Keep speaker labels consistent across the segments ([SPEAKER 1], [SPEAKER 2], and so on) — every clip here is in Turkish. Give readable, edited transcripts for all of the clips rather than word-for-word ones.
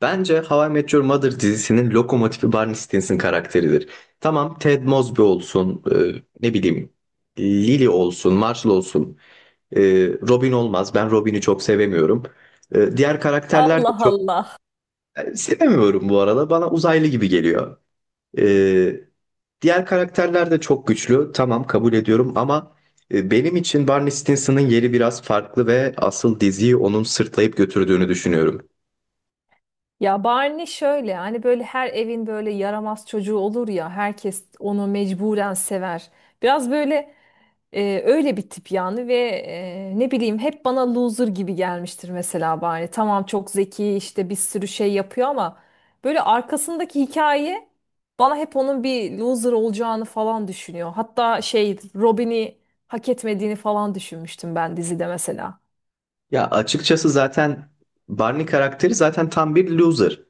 [SPEAKER 1] Bence How I Met Your Mother dizisinin lokomotifi Barney Stinson karakteridir. Tamam Ted Mosby olsun, ne bileyim Lily olsun, Marshall olsun, e, Robin olmaz. Ben Robin'i çok sevemiyorum. Diğer karakterler de
[SPEAKER 2] Allah
[SPEAKER 1] çok
[SPEAKER 2] Allah.
[SPEAKER 1] sevemiyorum bu arada. Bana uzaylı gibi geliyor. E, diğer karakterler de çok güçlü. Tamam kabul ediyorum ama benim için Barney Stinson'ın yeri biraz farklı ve asıl diziyi onun sırtlayıp götürdüğünü düşünüyorum.
[SPEAKER 2] Ya Barney şöyle hani böyle her evin böyle yaramaz çocuğu olur ya herkes onu mecburen sever. Biraz böyle öyle bir tip yani ve ne bileyim hep bana loser gibi gelmiştir mesela Barney. Tamam çok zeki işte bir sürü şey yapıyor ama böyle arkasındaki hikaye bana hep onun bir loser olacağını falan düşünüyor. Hatta şey Robin'i hak etmediğini falan düşünmüştüm ben dizide mesela.
[SPEAKER 1] Ya açıkçası zaten Barney karakteri zaten tam bir loser.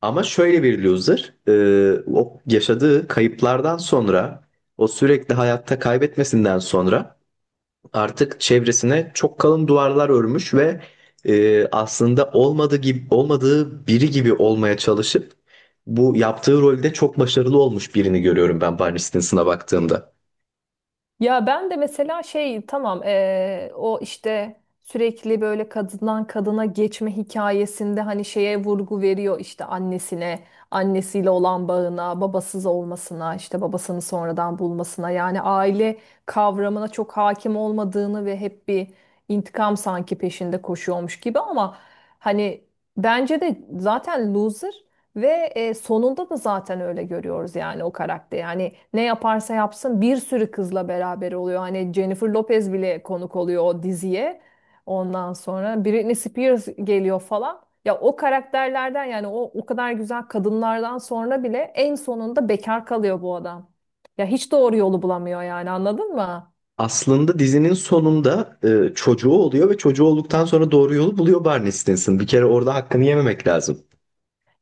[SPEAKER 1] Ama şöyle bir loser, o yaşadığı kayıplardan sonra, o sürekli hayatta kaybetmesinden sonra artık çevresine çok kalın duvarlar örmüş ve aslında olmadığı gibi olmadığı biri gibi olmaya çalışıp bu yaptığı rolde çok başarılı olmuş birini görüyorum ben Barney Stinson'a baktığımda.
[SPEAKER 2] Ya ben de mesela şey tamam o işte sürekli böyle kadından kadına geçme hikayesinde hani şeye vurgu veriyor işte annesine, annesiyle olan bağına, babasız olmasına, işte babasını sonradan bulmasına yani aile kavramına çok hakim olmadığını ve hep bir intikam sanki peşinde koşuyormuş gibi ama hani bence de zaten loser ve sonunda da zaten öyle görüyoruz yani o karakteri. Yani ne yaparsa yapsın bir sürü kızla beraber oluyor. Hani Jennifer Lopez bile konuk oluyor o diziye. Ondan sonra Britney Spears geliyor falan. Ya o karakterlerden yani o kadar güzel kadınlardan sonra bile en sonunda bekar kalıyor bu adam. Ya hiç doğru yolu bulamıyor yani anladın mı?
[SPEAKER 1] Aslında dizinin sonunda çocuğu oluyor ve çocuğu olduktan sonra doğru yolu buluyor Barney Stinson. Bir kere orada hakkını yememek lazım.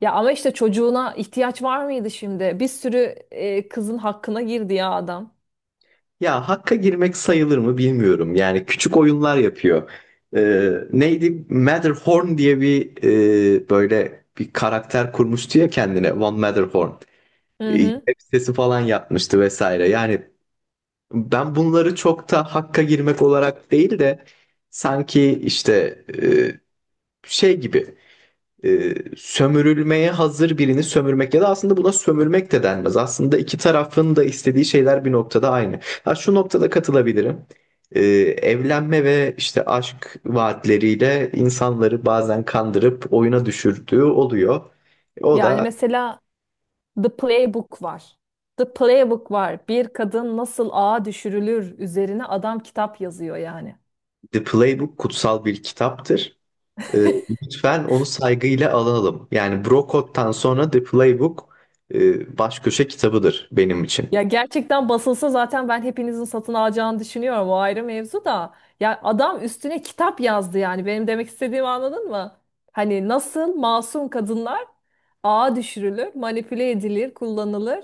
[SPEAKER 2] Ya ama işte çocuğuna ihtiyaç var mıydı şimdi? Bir sürü kızın hakkına girdi ya adam.
[SPEAKER 1] Ya hakka girmek sayılır mı bilmiyorum. Yani küçük oyunlar yapıyor. Neydi? Matterhorn diye bir böyle bir karakter kurmuştu ya kendine. One Matterhorn.
[SPEAKER 2] Hı
[SPEAKER 1] E,
[SPEAKER 2] hı.
[SPEAKER 1] web sitesi falan yapmıştı vesaire. Yani ben bunları çok da hakka girmek olarak değil de sanki işte şey gibi. Sömürülmeye hazır birini sömürmek ya da aslında buna sömürmek de denmez. Aslında iki tarafın da istediği şeyler bir noktada aynı. Ha, şu noktada katılabilirim. E, evlenme ve işte aşk vaatleriyle insanları bazen kandırıp oyuna düşürdüğü oluyor. O
[SPEAKER 2] Yani
[SPEAKER 1] da
[SPEAKER 2] mesela The Playbook var. The Playbook var. Bir kadın nasıl ağa düşürülür üzerine adam kitap yazıyor yani.
[SPEAKER 1] The Playbook kutsal bir kitaptır. Ee, lütfen onu saygıyla alalım. Yani Brocott'tan sonra The Playbook baş köşe kitabıdır benim için.
[SPEAKER 2] Ya gerçekten basılsa zaten ben hepinizin satın alacağını düşünüyorum. O ayrı mevzu da. Ya adam üstüne kitap yazdı yani. Benim demek istediğimi anladın mı? Hani nasıl masum kadınlar ağa düşürülür, manipüle edilir, kullanılır.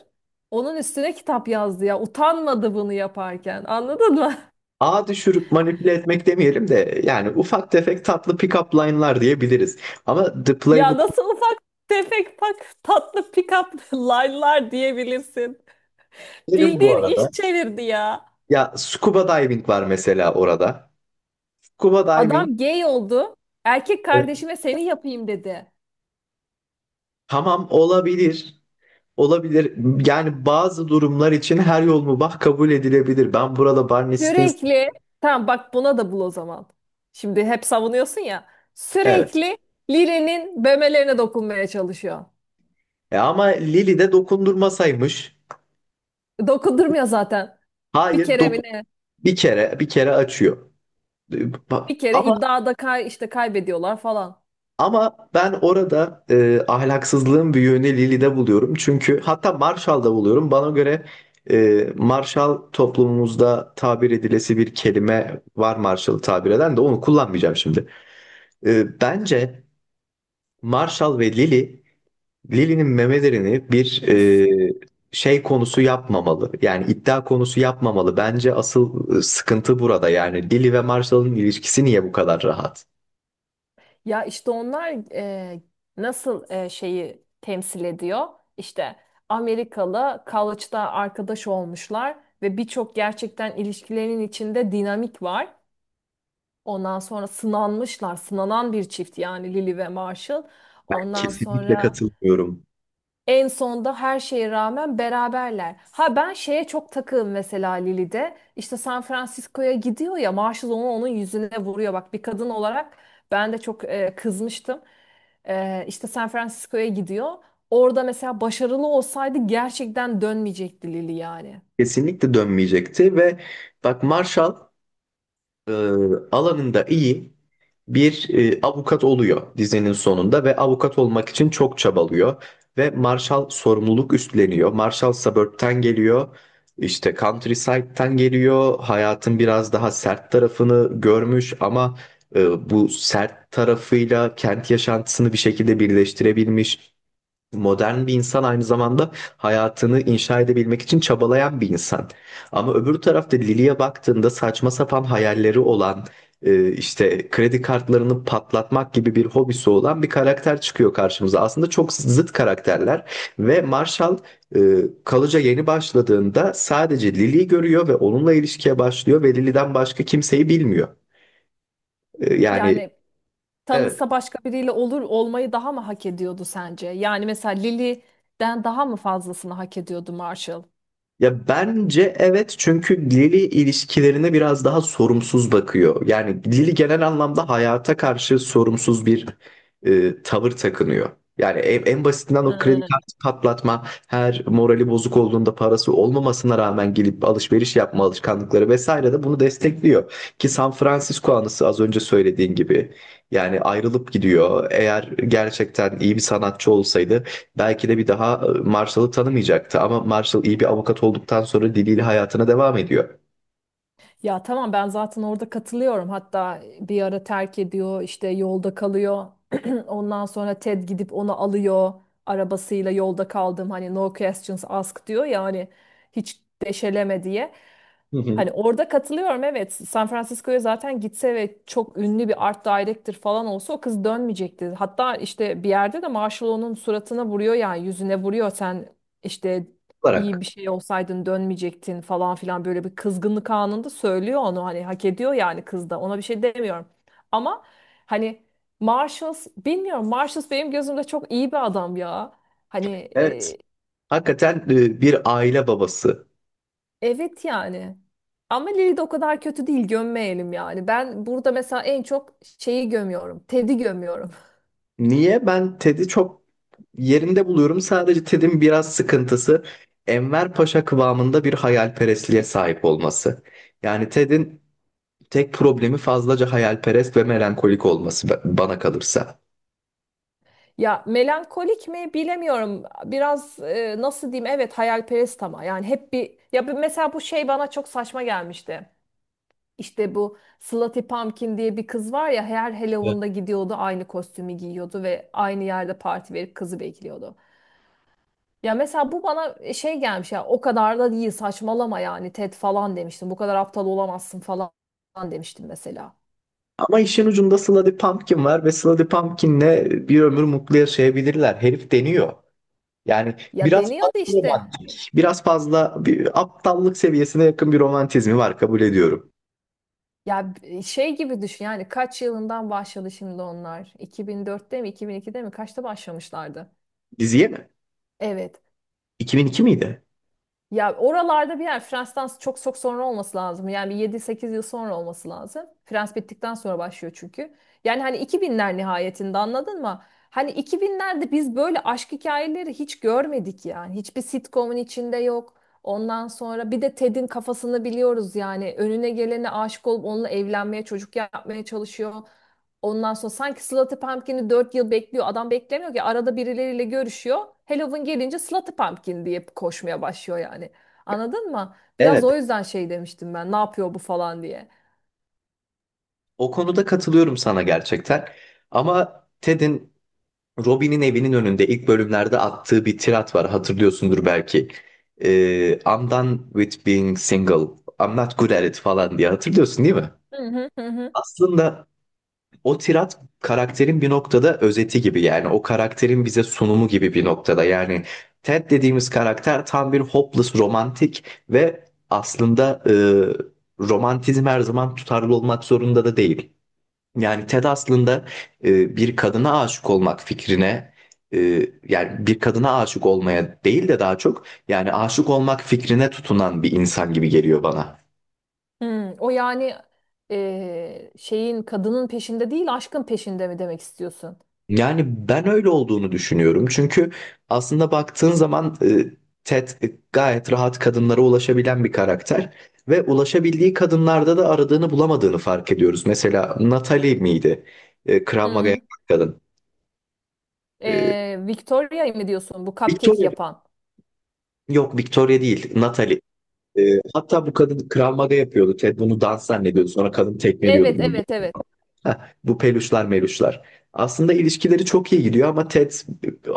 [SPEAKER 2] Onun üstüne kitap yazdı ya. Utanmadı bunu yaparken. Anladın mı?
[SPEAKER 1] Ağa düşürüp manipüle etmek demeyelim de yani ufak tefek tatlı pick-up line'lar diyebiliriz. Ama The
[SPEAKER 2] Ya
[SPEAKER 1] Playbook'u
[SPEAKER 2] nasıl ufak tefek bak tatlı pick-up line'lar diyebilirsin.
[SPEAKER 1] derim bu
[SPEAKER 2] Bildiğin
[SPEAKER 1] arada.
[SPEAKER 2] iş çevirdi ya.
[SPEAKER 1] Ya scuba diving var mesela orada. Scuba diving
[SPEAKER 2] Adam gay oldu. Erkek
[SPEAKER 1] evet.
[SPEAKER 2] kardeşime seni yapayım dedi.
[SPEAKER 1] Tamam olabilir. Olabilir. Yani bazı durumlar için her yol mubah kabul edilebilir. Ben burada Barney Stinson.
[SPEAKER 2] Sürekli tamam bak buna da bul o zaman. Şimdi hep savunuyorsun ya.
[SPEAKER 1] Evet.
[SPEAKER 2] Sürekli Lili'nin memelerine dokunmaya çalışıyor.
[SPEAKER 1] Ama Lily de dokundurmasaymış.
[SPEAKER 2] Dokundurmuyor zaten. Bir
[SPEAKER 1] Hayır,
[SPEAKER 2] kere mi
[SPEAKER 1] dokun
[SPEAKER 2] ne?
[SPEAKER 1] bir kere bir kere açıyor. E, ba-
[SPEAKER 2] Bir kere
[SPEAKER 1] Ama
[SPEAKER 2] iddiada kay işte kaybediyorlar falan.
[SPEAKER 1] Ama ben orada ahlaksızlığın bir yönü Lili'de buluyorum. Çünkü hatta Marshall'da buluyorum. Bana göre Marshall toplumumuzda tabir edilesi bir kelime var, Marshall'ı tabir eden de onu kullanmayacağım şimdi. Bence Marshall ve Lili, Lili'nin memelerini bir şey konusu yapmamalı. Yani iddia konusu yapmamalı. Bence asıl sıkıntı burada. Yani Lili ve Marshall'ın ilişkisi niye bu kadar rahat?
[SPEAKER 2] Ya işte onlar e, nasıl şeyi temsil ediyor? İşte Amerikalı college'da arkadaş olmuşlar ve birçok gerçekten ilişkilerin içinde dinamik var. Ondan sonra sınanmışlar, sınanan bir çift yani Lily ve Marshall.
[SPEAKER 1] Ben
[SPEAKER 2] Ondan
[SPEAKER 1] kesinlikle
[SPEAKER 2] sonra
[SPEAKER 1] katılmıyorum.
[SPEAKER 2] en sonda her şeye rağmen beraberler. Ha ben şeye çok takığım mesela Lili'de. İşte San Francisco'ya gidiyor ya Marshall onu onun yüzüne vuruyor. Bak bir kadın olarak ben de çok kızmıştım. E, işte San Francisco'ya gidiyor. Orada mesela başarılı olsaydı gerçekten dönmeyecekti Lili yani.
[SPEAKER 1] Kesinlikle dönmeyecekti ve bak Marshall e, alanında iyi bir avukat oluyor dizinin sonunda ve avukat olmak için çok çabalıyor ve Marshall sorumluluk üstleniyor. Marshall suburb'ten geliyor. İşte countryside'den geliyor. Hayatın biraz daha sert tarafını görmüş ama bu sert tarafıyla kent yaşantısını bir şekilde birleştirebilmiş. Modern bir insan, aynı zamanda hayatını inşa edebilmek için çabalayan bir insan. Ama öbür tarafta Lily'e baktığında saçma sapan hayalleri olan, işte kredi kartlarını patlatmak gibi bir hobisi olan bir karakter çıkıyor karşımıza. Aslında çok zıt karakterler ve Marshall e, College'a yeni başladığında sadece Lily'yi görüyor ve onunla ilişkiye başlıyor ve Lily'den başka kimseyi bilmiyor. Yani
[SPEAKER 2] Yani
[SPEAKER 1] evet.
[SPEAKER 2] tanışsa başka biriyle olur olmayı daha mı hak ediyordu sence? Yani mesela Lily'den daha mı fazlasını hak ediyordu Marshall?
[SPEAKER 1] Ya bence evet, çünkü Lily ilişkilerine biraz daha sorumsuz bakıyor. Yani Lily genel anlamda hayata karşı sorumsuz bir tavır takınıyor. Yani en basitinden o kredi
[SPEAKER 2] Ee,
[SPEAKER 1] kartı patlatma, her morali bozuk olduğunda parası olmamasına rağmen gelip alışveriş yapma alışkanlıkları vesaire de bunu destekliyor. Ki San Francisco anısı az önce söylediğin gibi. Yani ayrılıp gidiyor. Eğer gerçekten iyi bir sanatçı olsaydı belki de bir daha Marshall'ı tanımayacaktı, ama Marshall iyi bir avukat olduktan sonra diliyle hayatına devam ediyor.
[SPEAKER 2] Ya tamam ben zaten orada katılıyorum. Hatta bir ara terk ediyor, işte yolda kalıyor. Ondan sonra Ted gidip onu alıyor. Arabasıyla yolda kaldım hani no questions asked diyor ya hani hiç deşeleme diye.
[SPEAKER 1] Hı hı.
[SPEAKER 2] Hani orada katılıyorum evet. San Francisco'ya zaten gitse ve çok ünlü bir art director falan olsa o kız dönmeyecekti. Hatta işte bir yerde de Marshall onun suratına vuruyor yani yüzüne vuruyor sen işte iyi
[SPEAKER 1] Olarak.
[SPEAKER 2] bir şey olsaydın dönmeyecektin falan filan böyle bir kızgınlık anında söylüyor onu hani hak ediyor yani kız da ona bir şey demiyorum. Ama hani Marshalls bilmiyorum Marshalls benim gözümde çok iyi bir adam ya. Hani
[SPEAKER 1] Evet. Hakikaten bir aile babası.
[SPEAKER 2] evet yani. Ama Lily de o kadar kötü değil gömmeyelim yani. Ben burada mesela en çok şeyi gömüyorum. Ted'i gömüyorum.
[SPEAKER 1] Niye? Ben Ted'i çok yerinde buluyorum. Sadece Ted'in biraz sıkıntısı Enver Paşa kıvamında bir hayalperestliğe sahip olması. Yani Ted'in tek problemi fazlaca hayalperest ve melankolik olması bana kalırsa.
[SPEAKER 2] Ya melankolik mi bilemiyorum. Biraz nasıl diyeyim evet hayalperest ama yani hep bir ya mesela bu şey bana çok saçma gelmişti. İşte bu Slutty Pumpkin diye bir kız var ya her Halloween'da gidiyordu aynı kostümü giyiyordu ve aynı yerde parti verip kızı bekliyordu. Ya mesela bu bana şey gelmiş ya o kadar da değil saçmalama yani Ted falan demiştim. Bu kadar aptal olamazsın falan demiştim mesela.
[SPEAKER 1] Ama işin ucunda Sluddy Pumpkin var ve Sluddy Pumpkin'le bir ömür mutlu yaşayabilirler. Herif deniyor. Yani
[SPEAKER 2] Ya
[SPEAKER 1] biraz
[SPEAKER 2] deniyordu
[SPEAKER 1] fazla
[SPEAKER 2] işte.
[SPEAKER 1] romantik, biraz fazla bir aptallık seviyesine yakın bir romantizmi var, kabul ediyorum.
[SPEAKER 2] Ya şey gibi düşün yani kaç yılından başladı şimdi onlar? 2004'te mi 2002'de mi kaçta başlamışlardı?
[SPEAKER 1] Diziye mi?
[SPEAKER 2] Evet.
[SPEAKER 1] 2002 miydi?
[SPEAKER 2] Ya oralarda bir yer Frens'ten çok çok sonra olması lazım. Yani bir 7-8 yıl sonra olması lazım. Frans bittikten sonra başlıyor çünkü. Yani hani 2000'ler nihayetinde anladın mı? Hani 2000'lerde biz böyle aşk hikayeleri hiç görmedik yani. Hiçbir sitcomun içinde yok. Ondan sonra bir de Ted'in kafasını biliyoruz yani. Önüne gelene aşık olup onunla evlenmeye, çocuk yapmaya çalışıyor. Ondan sonra sanki Slaughter Pumpkin'i 4 yıl bekliyor. Adam beklemiyor ki arada birileriyle görüşüyor. Halloween gelince Slaughter Pumpkin diye koşmaya başlıyor yani. Anladın mı? Biraz
[SPEAKER 1] Evet.
[SPEAKER 2] o yüzden şey demiştim ben. Ne yapıyor bu falan diye.
[SPEAKER 1] O konuda katılıyorum sana gerçekten. Ama Ted'in Robin'in evinin önünde ilk bölümlerde attığı bir tirat var, hatırlıyorsundur belki. I'm done with being single. I'm not good at it falan diye hatırlıyorsun değil mi?
[SPEAKER 2] Hı hı hı hı.
[SPEAKER 1] Aslında o tirat karakterin bir noktada özeti gibi, yani o karakterin bize sunumu gibi bir noktada, yani Ted dediğimiz karakter tam bir hopeless romantik ve aslında romantizm her zaman tutarlı olmak zorunda da değil. Yani Ted aslında bir kadına aşık olmak fikrine, e, yani bir kadına aşık olmaya değil de daha çok yani aşık olmak fikrine tutunan bir insan gibi geliyor bana.
[SPEAKER 2] Hı, o yani şeyin kadının peşinde değil aşkın peşinde mi demek istiyorsun?
[SPEAKER 1] Yani ben öyle olduğunu düşünüyorum. Çünkü aslında baktığın zaman Ted gayet rahat kadınlara ulaşabilen bir karakter ve ulaşabildiği kadınlarda da aradığını bulamadığını fark ediyoruz. Mesela Natalie miydi? E,
[SPEAKER 2] Hı
[SPEAKER 1] Krav Maga
[SPEAKER 2] hı.
[SPEAKER 1] yapan kadın. E,
[SPEAKER 2] Victoria'yı mı diyorsun bu cupcake
[SPEAKER 1] Victoria,
[SPEAKER 2] yapan?
[SPEAKER 1] yok Victoria değil, Natalie. E, hatta bu kadın Krav Maga yapıyordu. Ted bunu dans zannediyordu. Sonra kadın tekmeliyordu
[SPEAKER 2] Evet
[SPEAKER 1] bunu.
[SPEAKER 2] evet evet.
[SPEAKER 1] Ha, bu peluşlar meluşlar. Aslında ilişkileri çok iyi gidiyor ama Ted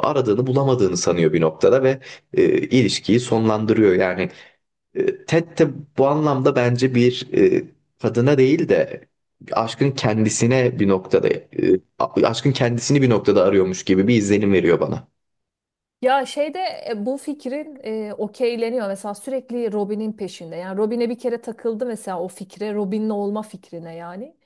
[SPEAKER 1] aradığını bulamadığını sanıyor bir noktada ve ilişkiyi sonlandırıyor. Yani Ted de bu anlamda bence bir kadına değil de aşkın kendisine bir noktada, aşkın kendisini bir noktada arıyormuş gibi bir izlenim veriyor bana.
[SPEAKER 2] Ya şeyde bu fikrin okeyleniyor. Mesela sürekli Robin'in peşinde. Yani Robin'e bir kere takıldı mesela o fikre. Robin'le olma fikrine yani.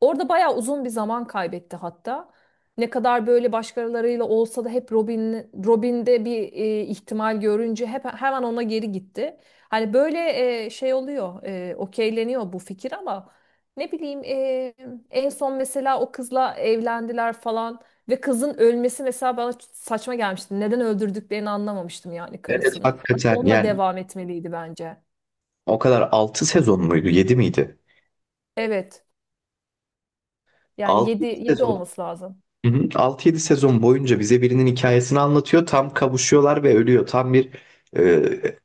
[SPEAKER 2] Orada bayağı uzun bir zaman kaybetti hatta. Ne kadar böyle başkalarıyla olsa da hep Robin, Robin'de bir ihtimal görünce hep hemen ona geri gitti. Hani böyle şey oluyor, okeyleniyor bu fikir ama ne bileyim en son mesela o kızla evlendiler falan. Ve kızın ölmesi mesela bana saçma gelmişti. Neden öldürdüklerini anlamamıştım yani
[SPEAKER 1] Evet.
[SPEAKER 2] karısını.
[SPEAKER 1] Hakikaten
[SPEAKER 2] Onunla
[SPEAKER 1] yani
[SPEAKER 2] devam etmeliydi bence.
[SPEAKER 1] o kadar, 6 sezon muydu 7 miydi?
[SPEAKER 2] Evet. Yani
[SPEAKER 1] 6
[SPEAKER 2] 7 7
[SPEAKER 1] sezon.
[SPEAKER 2] olması lazım.
[SPEAKER 1] Hı hı. 6-7 sezon boyunca bize birinin hikayesini anlatıyor. Tam kavuşuyorlar ve ölüyor. Tam bir e,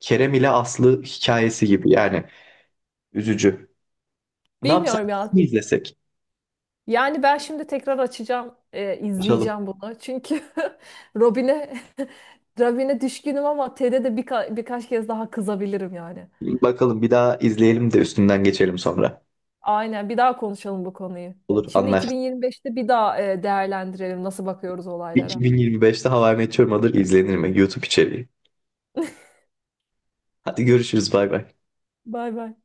[SPEAKER 1] Kerem ile Aslı hikayesi gibi yani, üzücü. Ne yapsak
[SPEAKER 2] Bilmiyorum
[SPEAKER 1] mi
[SPEAKER 2] ya.
[SPEAKER 1] izlesek?
[SPEAKER 2] Yani ben şimdi tekrar açacağım,
[SPEAKER 1] Açalım.
[SPEAKER 2] izleyeceğim bunu. Çünkü Robin'e Robin'e düşkünüm ama Ted'e de birkaç kez daha kızabilirim yani.
[SPEAKER 1] Bakalım bir daha izleyelim de üstünden geçelim sonra.
[SPEAKER 2] Aynen. Bir daha konuşalım bu konuyu.
[SPEAKER 1] Olur,
[SPEAKER 2] Şimdi
[SPEAKER 1] anlaştık.
[SPEAKER 2] 2025'te bir daha değerlendirelim nasıl bakıyoruz olaylara.
[SPEAKER 1] 2025'te Hava I Met Your Mother izlenir mi? YouTube içeriği. Hadi görüşürüz, bay bay.
[SPEAKER 2] Bay bay.